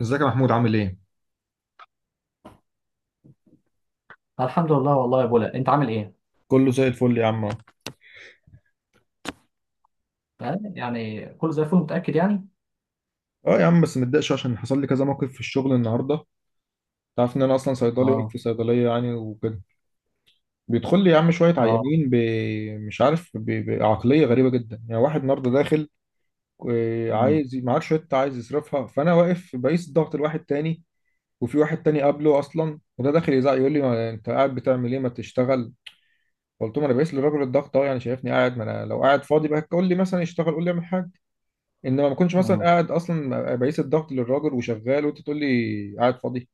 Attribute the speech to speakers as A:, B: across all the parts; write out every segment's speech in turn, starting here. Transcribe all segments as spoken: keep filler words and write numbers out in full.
A: ازيك يا محمود عامل ايه؟
B: الحمد لله والله يا بولا، انت عامل ايه؟
A: كله زي الفل يا عم.
B: آه، يعني كله زي الفل، متأكد يعني؟
A: اه يا عم بس متضايقش عشان حصل لي كذا موقف في الشغل النهارده. انت عارف ان انا اصلا صيدلي واقف
B: اه.
A: في صيدليه يعني وكده، بيدخل لي يا عم شويه
B: اه.
A: عيانين ب... مش عارف ب... بعقليه غريبه جدا. يعني واحد النهارده داخل، آه،
B: امم.
A: عايز معاه شويه عايز يصرفها، فانا واقف بقيس الضغط لواحد تاني، وفي واحد تاني قبله اصلا، وده داخل يزعق يقول لي ما انت قاعد بتعمل ايه، ما تشتغل. قلت له ما انا بقيس للراجل الضغط اهو، يعني شايفني قاعد؟ ما انا لو قاعد فاضي بقى قول لي مثلا يشتغل، قول لي اعمل حاجه. انما ما كنتش مثلا
B: امم.
A: قاعد، اصلا بقيس الضغط للراجل وشغال وانت تقول لي قاعد فاضي.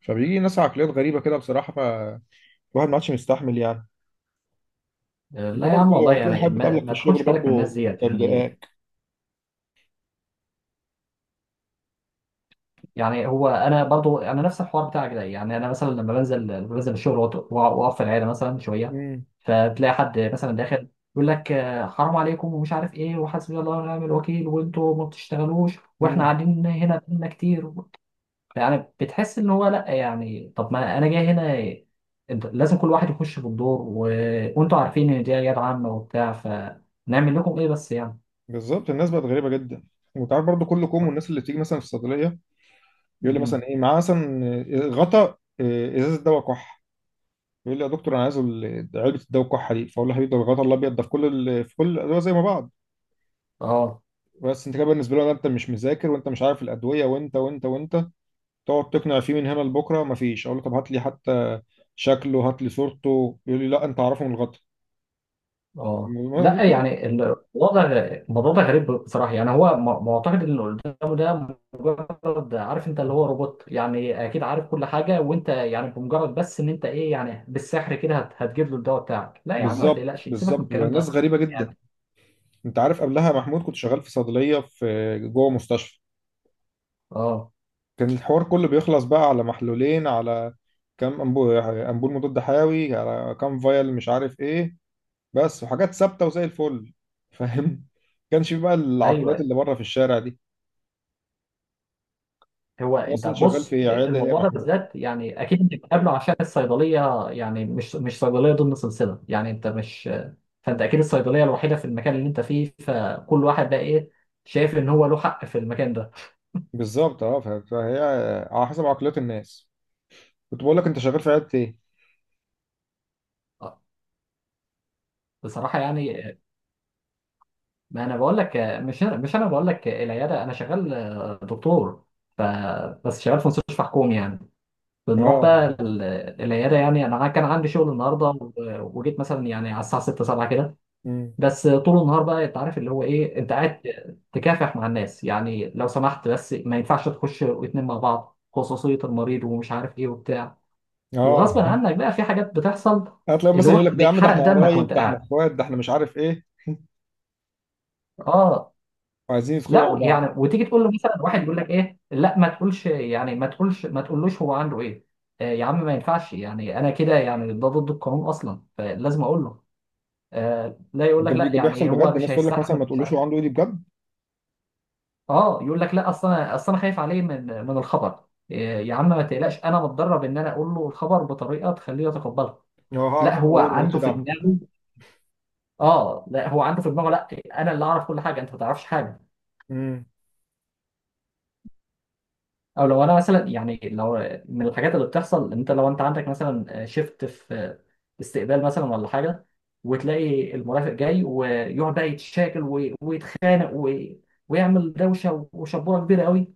A: فبيجي ناس عقليات غريبه كده بصراحه، فالواحد ما عادش مستحمل يعني.
B: آه،
A: انت
B: لا يا
A: برضه
B: عم، والله
A: هتلاقي
B: يعني
A: حد
B: ما,
A: بتقابلك في
B: ما تاخدش
A: الشغل
B: بالك من الناس
A: برضه
B: ديت
A: ده
B: يعني.
A: مضايقاك.
B: يعني هو انا برضو انا نفس الحوار بتاعك ده، يعني انا مثلا لما بنزل لما بنزل الشغل، وأقعد- واقف في العياده مثلا شويه.
A: امم.
B: فتلاقي حد مثلا داخل يقول لك: آه، حرام عليكم ومش عارف ايه، وحسبي الله ونعم الوكيل، وانتوا ما بتشتغلوش، واحنا
A: امم.
B: قاعدين هنا بقالنا كتير. يعني بتحس ان هو، لا يعني طب ما انا جاي هنا، انت لازم كل واحد يخش في الدور و... وانتوا عارفين ان دي عيادة عامة وبتاع، فنعمل لكم ايه بس يعني.
A: بالظبط، الناس بقت غريبه جدا. وانت عارف برضه كل كوم، والناس اللي بتيجي مثلا في الصيدليه يقول لي مثلا
B: امم.
A: ايه معاه مثلا، آه، غطا، آه، ازازه دواء كح. يقول لي يا دكتور انا عايز ال- علبه الدواء الكحه دي، فاقول له حبيبي ده الغطا الابيض ده في كل ال... في كل الادويه زي ما بعض.
B: اه.
A: بس انت كده بالنسبه له ده انت مش مذاكر وانت مش عارف الادويه وانت وانت وانت. تقعد تقنع فيه من هنا لبكره مفيش. اقول له طب هات لي حتى شكله، هات لي صورته، يقول لي لا انت عارفه من الغطا.
B: اه،
A: م-
B: لا
A: ممكن.
B: يعني الوضع الموضوع ده غريب بصراحه، يعني هو م- معتقد ان اللي قدامه ده، مجرد عارف انت اللي هو روبوت، يعني اكيد عارف كل حاجه، وانت يعني بمجرد بس ان انت ايه، يعني بالسحر كده هت- هتجيب له الدواء بتاعك. لا يا عم، ما
A: بالظبط
B: تقلقش، سيبك من
A: بالظبط،
B: الكلام
A: ناس
B: ده،
A: غريبه جدا.
B: يعني.
A: انت عارف قبلها محمود كنت شغال في صيدليه في جوه مستشفى،
B: اه.
A: كان الحوار كله بيخلص بقى على محلولين، على كام أنبو- امبول مضاد حيوي، على كام فايل مش عارف ايه، بس. وحاجات ثابته وزي الفل، فاهم؟ كانش في بقى العقليات
B: ايوه.
A: اللي بره في الشارع دي.
B: هو
A: أنت
B: انت
A: اصلا شغال
B: بص،
A: في عياده ايه يا
B: الموضوع ده
A: محمود؟
B: بالذات يعني اكيد انت بتقابله عشان الصيدليه، يعني مش مش صيدليه ضمن سلسله، يعني انت مش، فانت اكيد الصيدليه الوحيده في المكان اللي انت فيه، فكل واحد بقى ايه، شايف ان هو له حق في المكان ده.
A: بالظبط. اه ف- فهي على حسب عقليات الناس. كنت بقول لك انت شغال في عيادة ايه؟
B: آه، بصراحه يعني، ما انا بقول لك، مش انا مش انا بقول لك العياده، انا شغال آه، دكتور. ف بس شغال في مستشفى حكومي يعني. بنروح
A: اه.
B: بقى ال- العياده، يعني انا كان عندي شغل النهارده و- وجيت مثلا يعني على الساعه ستة سبعة كده.
A: امم.
B: بس طول النهار بقى انت عارف اللي هو ايه، انت قاعد تكافح مع الناس، يعني لو سمحت، بس ما ينفعش تخش واتنين مع بعض، خصوصية المريض ومش عارف ايه وبتاع،
A: اه.
B: وغصب عنك بقى في حاجات بتحصل
A: هتلاقي
B: اللي
A: مثلا
B: هو
A: يقول لك ده يا عم ده
B: بيتحرق
A: احنا
B: دمك
A: قرايب،
B: وانت
A: ده احنا
B: قاعد.
A: اخوات، ده احنا مش عارف ايه،
B: اه.
A: وعايزين يدخلوا مع
B: لا يعني،
A: بعض.
B: وتيجي تقول له مثلا، واحد يقول لك: ايه، لا ما تقولش، يعني ما تقولش، ما تقولوش هو عنده ايه. آه يا عم، ما ينفعش يعني، انا كده يعني، ده ضد القانون اصلا، فلازم اقول له. آه، لا يقول لك
A: ده بي-
B: لا،
A: ده بيحصل
B: يعني
A: بجد،
B: هو مش
A: الناس تقول لك مثلا
B: هيستحمل.
A: ما تقولوش هو عنده ايه، دي بجد.
B: اه، يقول لك لا، اصل انا اصل انا خايف عليه من من الخبر. إيه يا عم، ما تقلقش، انا متدرب ان انا اقول له الخبر بطريقه تخليه يتقبلها.
A: هو هعرف؟
B: لا
A: انا
B: هو
A: اقوله له مالكش
B: عنده في
A: دعوه.
B: دماغه. اه، لا هو عنده في دماغه، لا، انا اللي اعرف كل حاجه، انت ما تعرفش حاجه.
A: امم.
B: او لو انا مثلا، يعني لو، من الحاجات اللي بتحصل، انت لو انت عندك مثلا شيفت في استقبال مثلا ولا حاجه، وتلاقي المرافق جاي، ويقعد بقى يتشاكل وي- ويتخانق وي- ويعمل دوشه وشبوره كبيره قوي،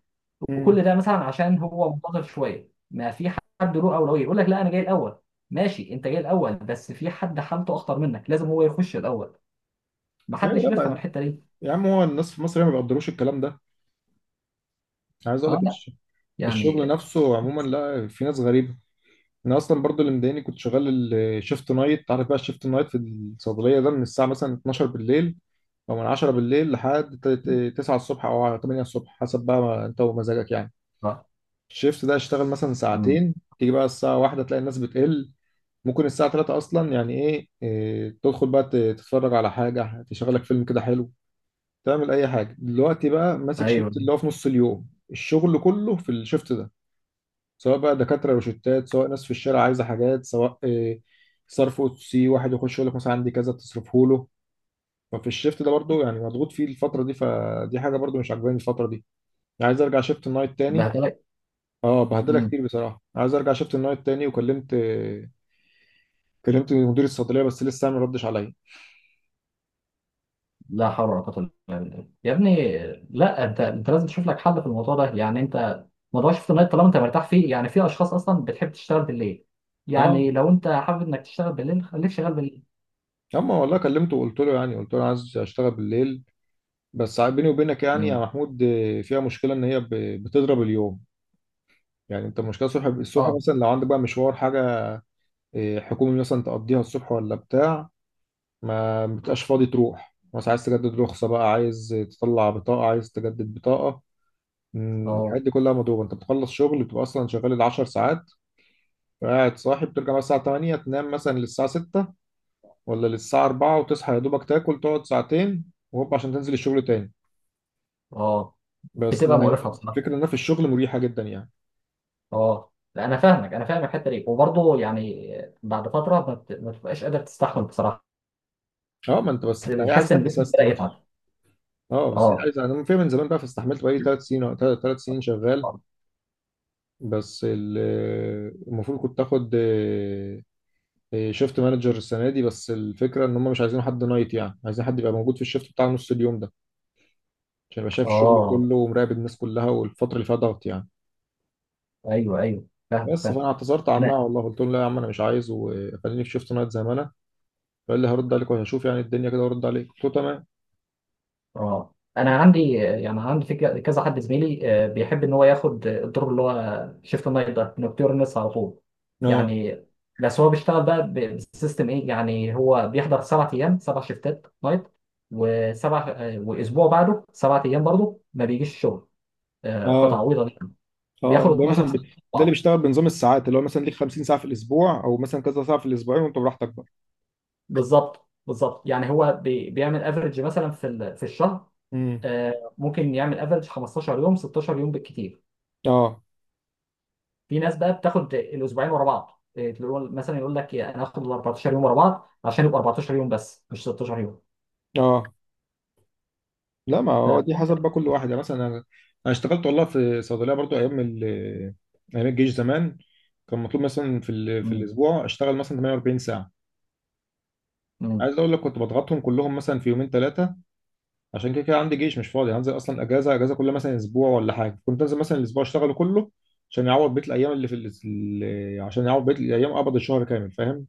A: امم.
B: وكل ده مثلا عشان هو منتظر شويه، ما في حد له اولويه. يقول لك: لا انا جاي الاول. ماشي، انت جاي الاول، بس في حد حالته اخطر منك، لازم هو يخش الاول. ما
A: ايوه
B: حدش
A: لا
B: بيفهم
A: بقى.
B: الحته دي.
A: يا عم هو الناس في مصر هي ما بيقدروش الكلام ده. عايز اقول
B: اه.
A: لك
B: لا
A: الش- الشغل
B: يعني.
A: نفسه عموما لا، في ناس غريبه. انا اصلا برضو اللي مضايقني كنت شغال الشيفت نايت. عارف بقى الشيفت نايت في الصيدليه ده من الساعه مثلا اتناشر بالليل او من عشرة بالليل لحد ت- ت- تسعه الصبح او تمنيه الصبح، حسب بقى ما انت ومزاجك يعني.
B: آه.
A: الشيفت ده اشتغل مثلا
B: أمم.
A: ساعتين، تيجي بقى الساعه واحدة تلاقي الناس بتقل، ممكن الساعه تلاته اصلا. يعني ايه, إيه تدخل بقى ت- تتفرج على حاجه تشغلك، فيلم كده حلو، تعمل اي حاجه. دلوقتي بقى ماسك شيفت
B: ايوه.
A: اللي هو في نص اليوم، الشغل كله في الشيفت ده. سواء بقى دكاترة روشتات، سواء ناس في الشارع عايزة حاجات، سواء آه، صرف، او سي واحد يخش يقول لك مثلا عندي كذا تصرفه له. ففي الشيفت ده برضو يعني مضغوط فيه الفترة دي، فدي حاجة برضو مش عاجباني الفترة دي. يعني عايز ارجع شيفت النايت تاني.
B: بهدلك.
A: اه بهدلها
B: أمم.
A: كتير بصراحة، عايز ارجع شيفت النايت تاني. وكلمت آه، كلمت مدير الصيدلية بس لسه ما ردش عليا.
B: لا حول ولا قوه الا بالله يا ابني. لا، انت انت لازم تشوف لك حل في الموضوع ده، يعني انت موضوع شفت النايت طالما انت مرتاح فيه، يعني في اشخاص اصلا بتحب تشتغل بالليل،
A: اه.
B: يعني لو انت حابب انك تشتغل بالليل، خليك شغال بالليل.
A: اما والله كلمته وقلت له يعني قلت له عايز اشتغل بالليل. بس بيني وبينك يعني يا
B: أمم.
A: محمود، آه، فيها مشكلة ان هي ب- بتضرب اليوم. يعني انت المشكله الصبح، الصبح
B: اه.
A: مثلا لو عندك بقى مشوار حاجه إيه، حكومي مثلا تقضيها الصبح ولا بتاع، ما بتبقاش فاضي تروح. مثلا عايز تجدد رخصة بقى، عايز تطلع بطاقة، عايز تجدد بطاقة، مم، الحاجات
B: اه.
A: دي كلها مضروبة. انت بتخلص شغل بتبقى اصلا شغال العشر ساعات، قاعد صاحي، بترجع مثلا الساعة تمنيه تنام مثلا للساعة سته ولا للساعة اربعه وتصحى يا دوبك، تاكل تقعد ساعتين وهوب عشان تنزل الشغل تاني.
B: اه.
A: بس
B: بتبقى مقرفه بصراحه.
A: الفكرة انها في الشغل مريحة جدا يعني.
B: اه، لا انا فاهمك، انا فاهم الحته دي، وبرضه يعني بعد فتره ما بت- ما بتبقاش قادر تستحمل بصراحه،
A: اه ما انت بس ده عايز
B: بتحس
A: حد
B: ان جسمك بدا
A: يسيستم نفسه.
B: يتعب.
A: اه بس هي
B: اه.
A: عايز، انا فاهم من زمان بقى فاستحملت، بقالي ثلاث سنين، ثلاث سنين شغال.
B: اه.
A: بس ال- المفروض كنت اخد شيفت مانجر السنه دي، بس الفكره ان هم مش عايزين حد نايت، يعني عايزين حد يبقى موجود في الشيفت بتاع نص اليوم ده عشان يبقى شايف الشغل
B: آه.
A: كله ومراقب الناس كلها والفتره اللي فيها ضغط يعني.
B: ايوه ايوه، فاهم
A: بس فانا
B: فاهم.
A: اعتذرت عنها والله، قلت لهم لا يا عم انا مش عايز، وخليني في شيفت نايت زي ما انا. فقال لي هرد عليك وهشوف، يعني الدنيا كده، وارد عليك. قلت له تمام.
B: اه، انا عندي آه، يعني عندي في ك- كذا حد زميلي آه، بيحب ان هو ياخد آه، الدور اللي هو شيفت نايت ده، نوكتيرنس على طول
A: اه.
B: يعني. بس هو بيشتغل بقى ب- بسيستم ايه، يعني هو بيحضر سبع ايام، سبع شيفتات نايت، وسبع آه، واسبوع بعده سبع ايام برضه ما بيجيش الشغل، آه، قطعه
A: اه.
B: عويضه دي،
A: اه
B: بياخد
A: اللي هو
B: اثنا عشر
A: مثلا ب-
B: ساعه.
A: ده اللي
B: طبعاً.
A: بيشتغل بنظام الساعات، اللي هو مثلا ليك خمسين ساعه في الاسبوع او مثلا كذا ساعه في الاسبوعين، وانت براحتك بقى.
B: بالظبط بالظبط، يعني هو بي- بيعمل افريج مثلا في ال- في الشهر،
A: امم.
B: آه، ممكن يعمل افريج خمستاشر يوم، ستة عشر يوم بالكتير.
A: اه.
B: في ناس بقى بتاخد الاسبوعين ورا بعض، إيه، تقول مثلا يقول لك: إيه، انا هاخد ال اربعتاشر يوم ورا بعض، عشان يبقى اربعتاشر يوم بس مش ستاشر يوم.
A: اه لا ما
B: ف...
A: هو دي حسب بقى كل واحد. يعني مثلا انا، انا اشتغلت والله في صيدليه برضو ايام ال... ايام الجيش زمان، كان مطلوب مثلا في ال... في
B: مم.
A: الاسبوع اشتغل مثلا تمنيه واربعين ساعه.
B: مم.
A: عايز اقول لك كنت بضغطهم كلهم مثلا في يومين ثلاثه، عشان كده كده عندي جيش، مش فاضي هنزل اصلا اجازه اجازه كل مثلا اسبوع ولا حاجه. كنت انزل مثلا الاسبوع اشتغله كله عشان يعوض بقيه الايام اللي في ال... ال- عشان يعوض بقيه الايام، قبض الشهر كامل، فاهم؟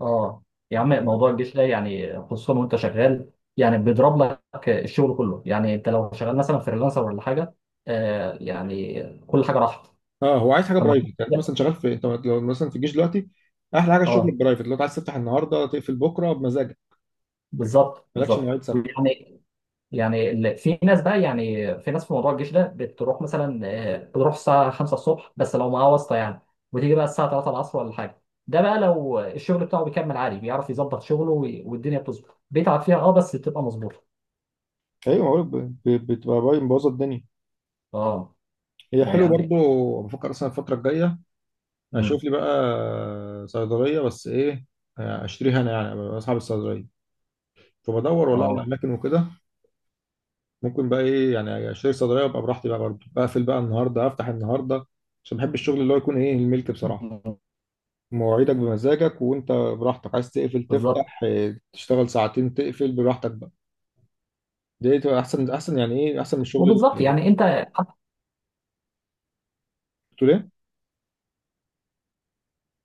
B: اه يا عم، موضوع الجيش ده يعني، خصوصا وانت شغال، يعني بيضرب لك الشغل كله، يعني انت لو شغال مثلا فريلانسر ولا حاجه، آه، يعني كل حاجه راحت.
A: اه هو عايز حاجه
B: لما
A: برايفت. يعني انت مثلا شغال في، انت لو مثلا في الجيش دلوقتي، احلى حاجه الشغل
B: اه،
A: البرايفت. لو أنت عايز تفتح النهارده تقفل بكره بمزاجك،
B: بالظبط
A: مالكش مواعيد
B: بالظبط،
A: ثابته.
B: يعني يعني ال- في ناس بقى، يعني في ناس في موضوع الجيش ده، بتروح مثلا آه، بتروح الساعة خمسة الصبح، بس لو معاه واسطة يعني، وتيجي بقى الساعة تلاتة العصر ولا حاجة. ده بقى لو الشغل بتاعه بيكمل عادي، بيعرف يظبط شغله وي- والدنيا بتظبط، بيتعب فيها اه بس بتبقى مظبوطة.
A: ايوه بقولك ب- ب- بتبقى باين مبوظه الدنيا.
B: اه.
A: هي
B: ده
A: حلو برضو،
B: يعني.
A: بفكر اصلا الفتره الجايه
B: مم.
A: اشوف لي بقى صيدليه بس، ايه، اشتريها انا يعني، أبقى اصحاب الصيدليه. فبدور والله على
B: اه.
A: اماكن وكده. ممكن بقى ايه يعني اشتري صيدليه وابقى براحتي بقى برضو، بقفل بقى النهارده افتح النهارده. عشان بحب الشغل اللي هو يكون ايه، الملك بصراحه،
B: مم.
A: مواعيدك بمزاجك، وانت براحتك عايز تقفل
B: بالظبط،
A: تفتح، إيه، تشتغل ساعتين تقفل براحتك بقى. دي تبقى احسن احسن، يعني ايه احسن من الشغل
B: وبالظبط
A: اللي
B: يعني انت،
A: بتقول ايه.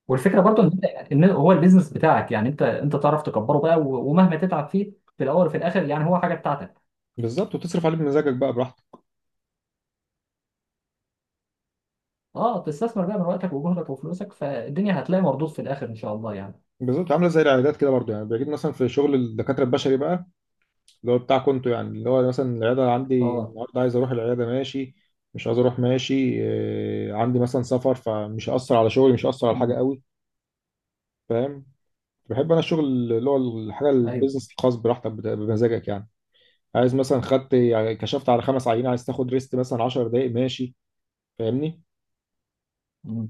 B: والفكره برضو ان انت يعني، ان هو البيزنس بتاعك، يعني انت انت تعرف تكبره بقى، و- ومهما تتعب فيه في الاول وفي الاخر، يعني هو حاجه بتاعتك.
A: بالظبط، وتصرف عليه بمزاجك بقى براحتك.
B: اه، تستثمر بقى من وقتك وجهدك وفلوسك، فالدنيا هتلاقي مردود في الاخر ان شاء الله يعني.
A: بالظبط. عامله زي العيادات كده برضو يعني، بيجيب مثلا في شغل الدكاتره البشري بقى، اللي هو بتاع كنتو. يعني اللي هو مثلا العياده عندي
B: اه.
A: النهارده عايز اروح العياده، ماشي، مش عايز اروح، ماشي. آه، عندي مثلا سفر، فمش هيأثر على شغلي، مش هيأثر على حاجه
B: امم.
A: قوي، فاهم؟ بحب انا الشغل اللي هو الحاجه
B: ايوه.
A: البيزنس الخاص، براحتك بت- بمزاجك يعني. عايز مثلا خدت يعني كشفت على خمس عينين، عايز تاخد ريست مثلا عشر دقائق، ماشي. فاهمني؟
B: امم.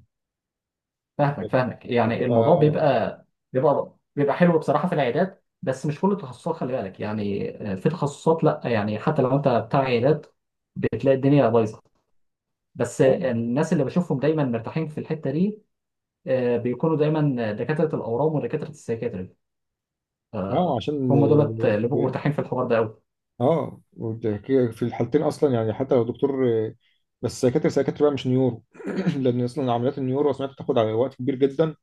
B: فاهمك فاهمك، يعني الموضوع
A: فبتبقى-
B: بيبقى بيبقى بيبقى حلو بصراحه في العيادات، بس مش كل التخصصات، خلي بالك يعني آه، في تخصصات لا، يعني حتى لو انت بتاع عيادات بتلاقي الدنيا بايظه، بس آه،
A: اه.
B: الناس اللي بشوفهم دايما مرتاحين في الحته دي آه، بيكونوا دايما دكاتره الاورام ودكاتره السيكاتري،
A: آه، عشان
B: هم دولت اللي بيبقوا
A: آه،
B: مرتاحين في الحوار ده قوي.
A: اه. وده- كده في الحالتين اصلا، يعني حتى لو دكتور، بس سيكاتري، سيكاتري بقى مش نيورو. لان اصلا عمليات النيورو سمعت بتاخد على وقت كبير جدا.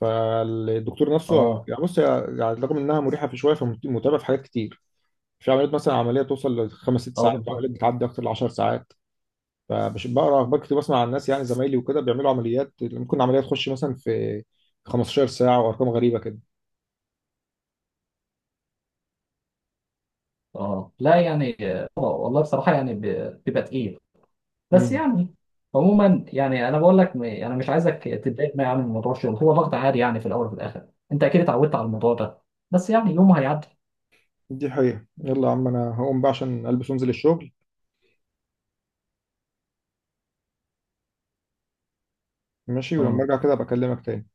A: فالدكتور نفسه
B: اه.
A: يعني، بص هي- يعني رغم انها مريحه في شويه، فمتعبه في حاجات كتير. في عمليات مثلا عمليه توصل لخمس ست
B: اه.
A: ساعات،
B: بالظبط.
A: وعمليات بتعدي اكتر ل عشر ساعات. فمش بقرا اخبار كتير، بسمع عن الناس يعني زمايلي وكده بيعملوا عمليات، ممكن عمليه تخش مثلا في خمستاشر ساعه وارقام غريبه كده.
B: اه، لا يعني آه، والله بصراحة يعني ب- بيبقى تقيل، بس
A: امم.
B: يعني عموما يعني، انا بقول لك م- انا مش عايزك تتضايق معايا من موضوع الشغل، هو ضغط عادي يعني، في الاول وفي الاخر انت اكيد اتعودت على الموضوع ده، بس يعني يومه هيعدي.
A: دي حقيقه. يلا يا عم انا هقوم بقى عشان البس وانزل الشغل. ماشي، ولما
B: آه.
A: ارجع كده بكلمك تاني.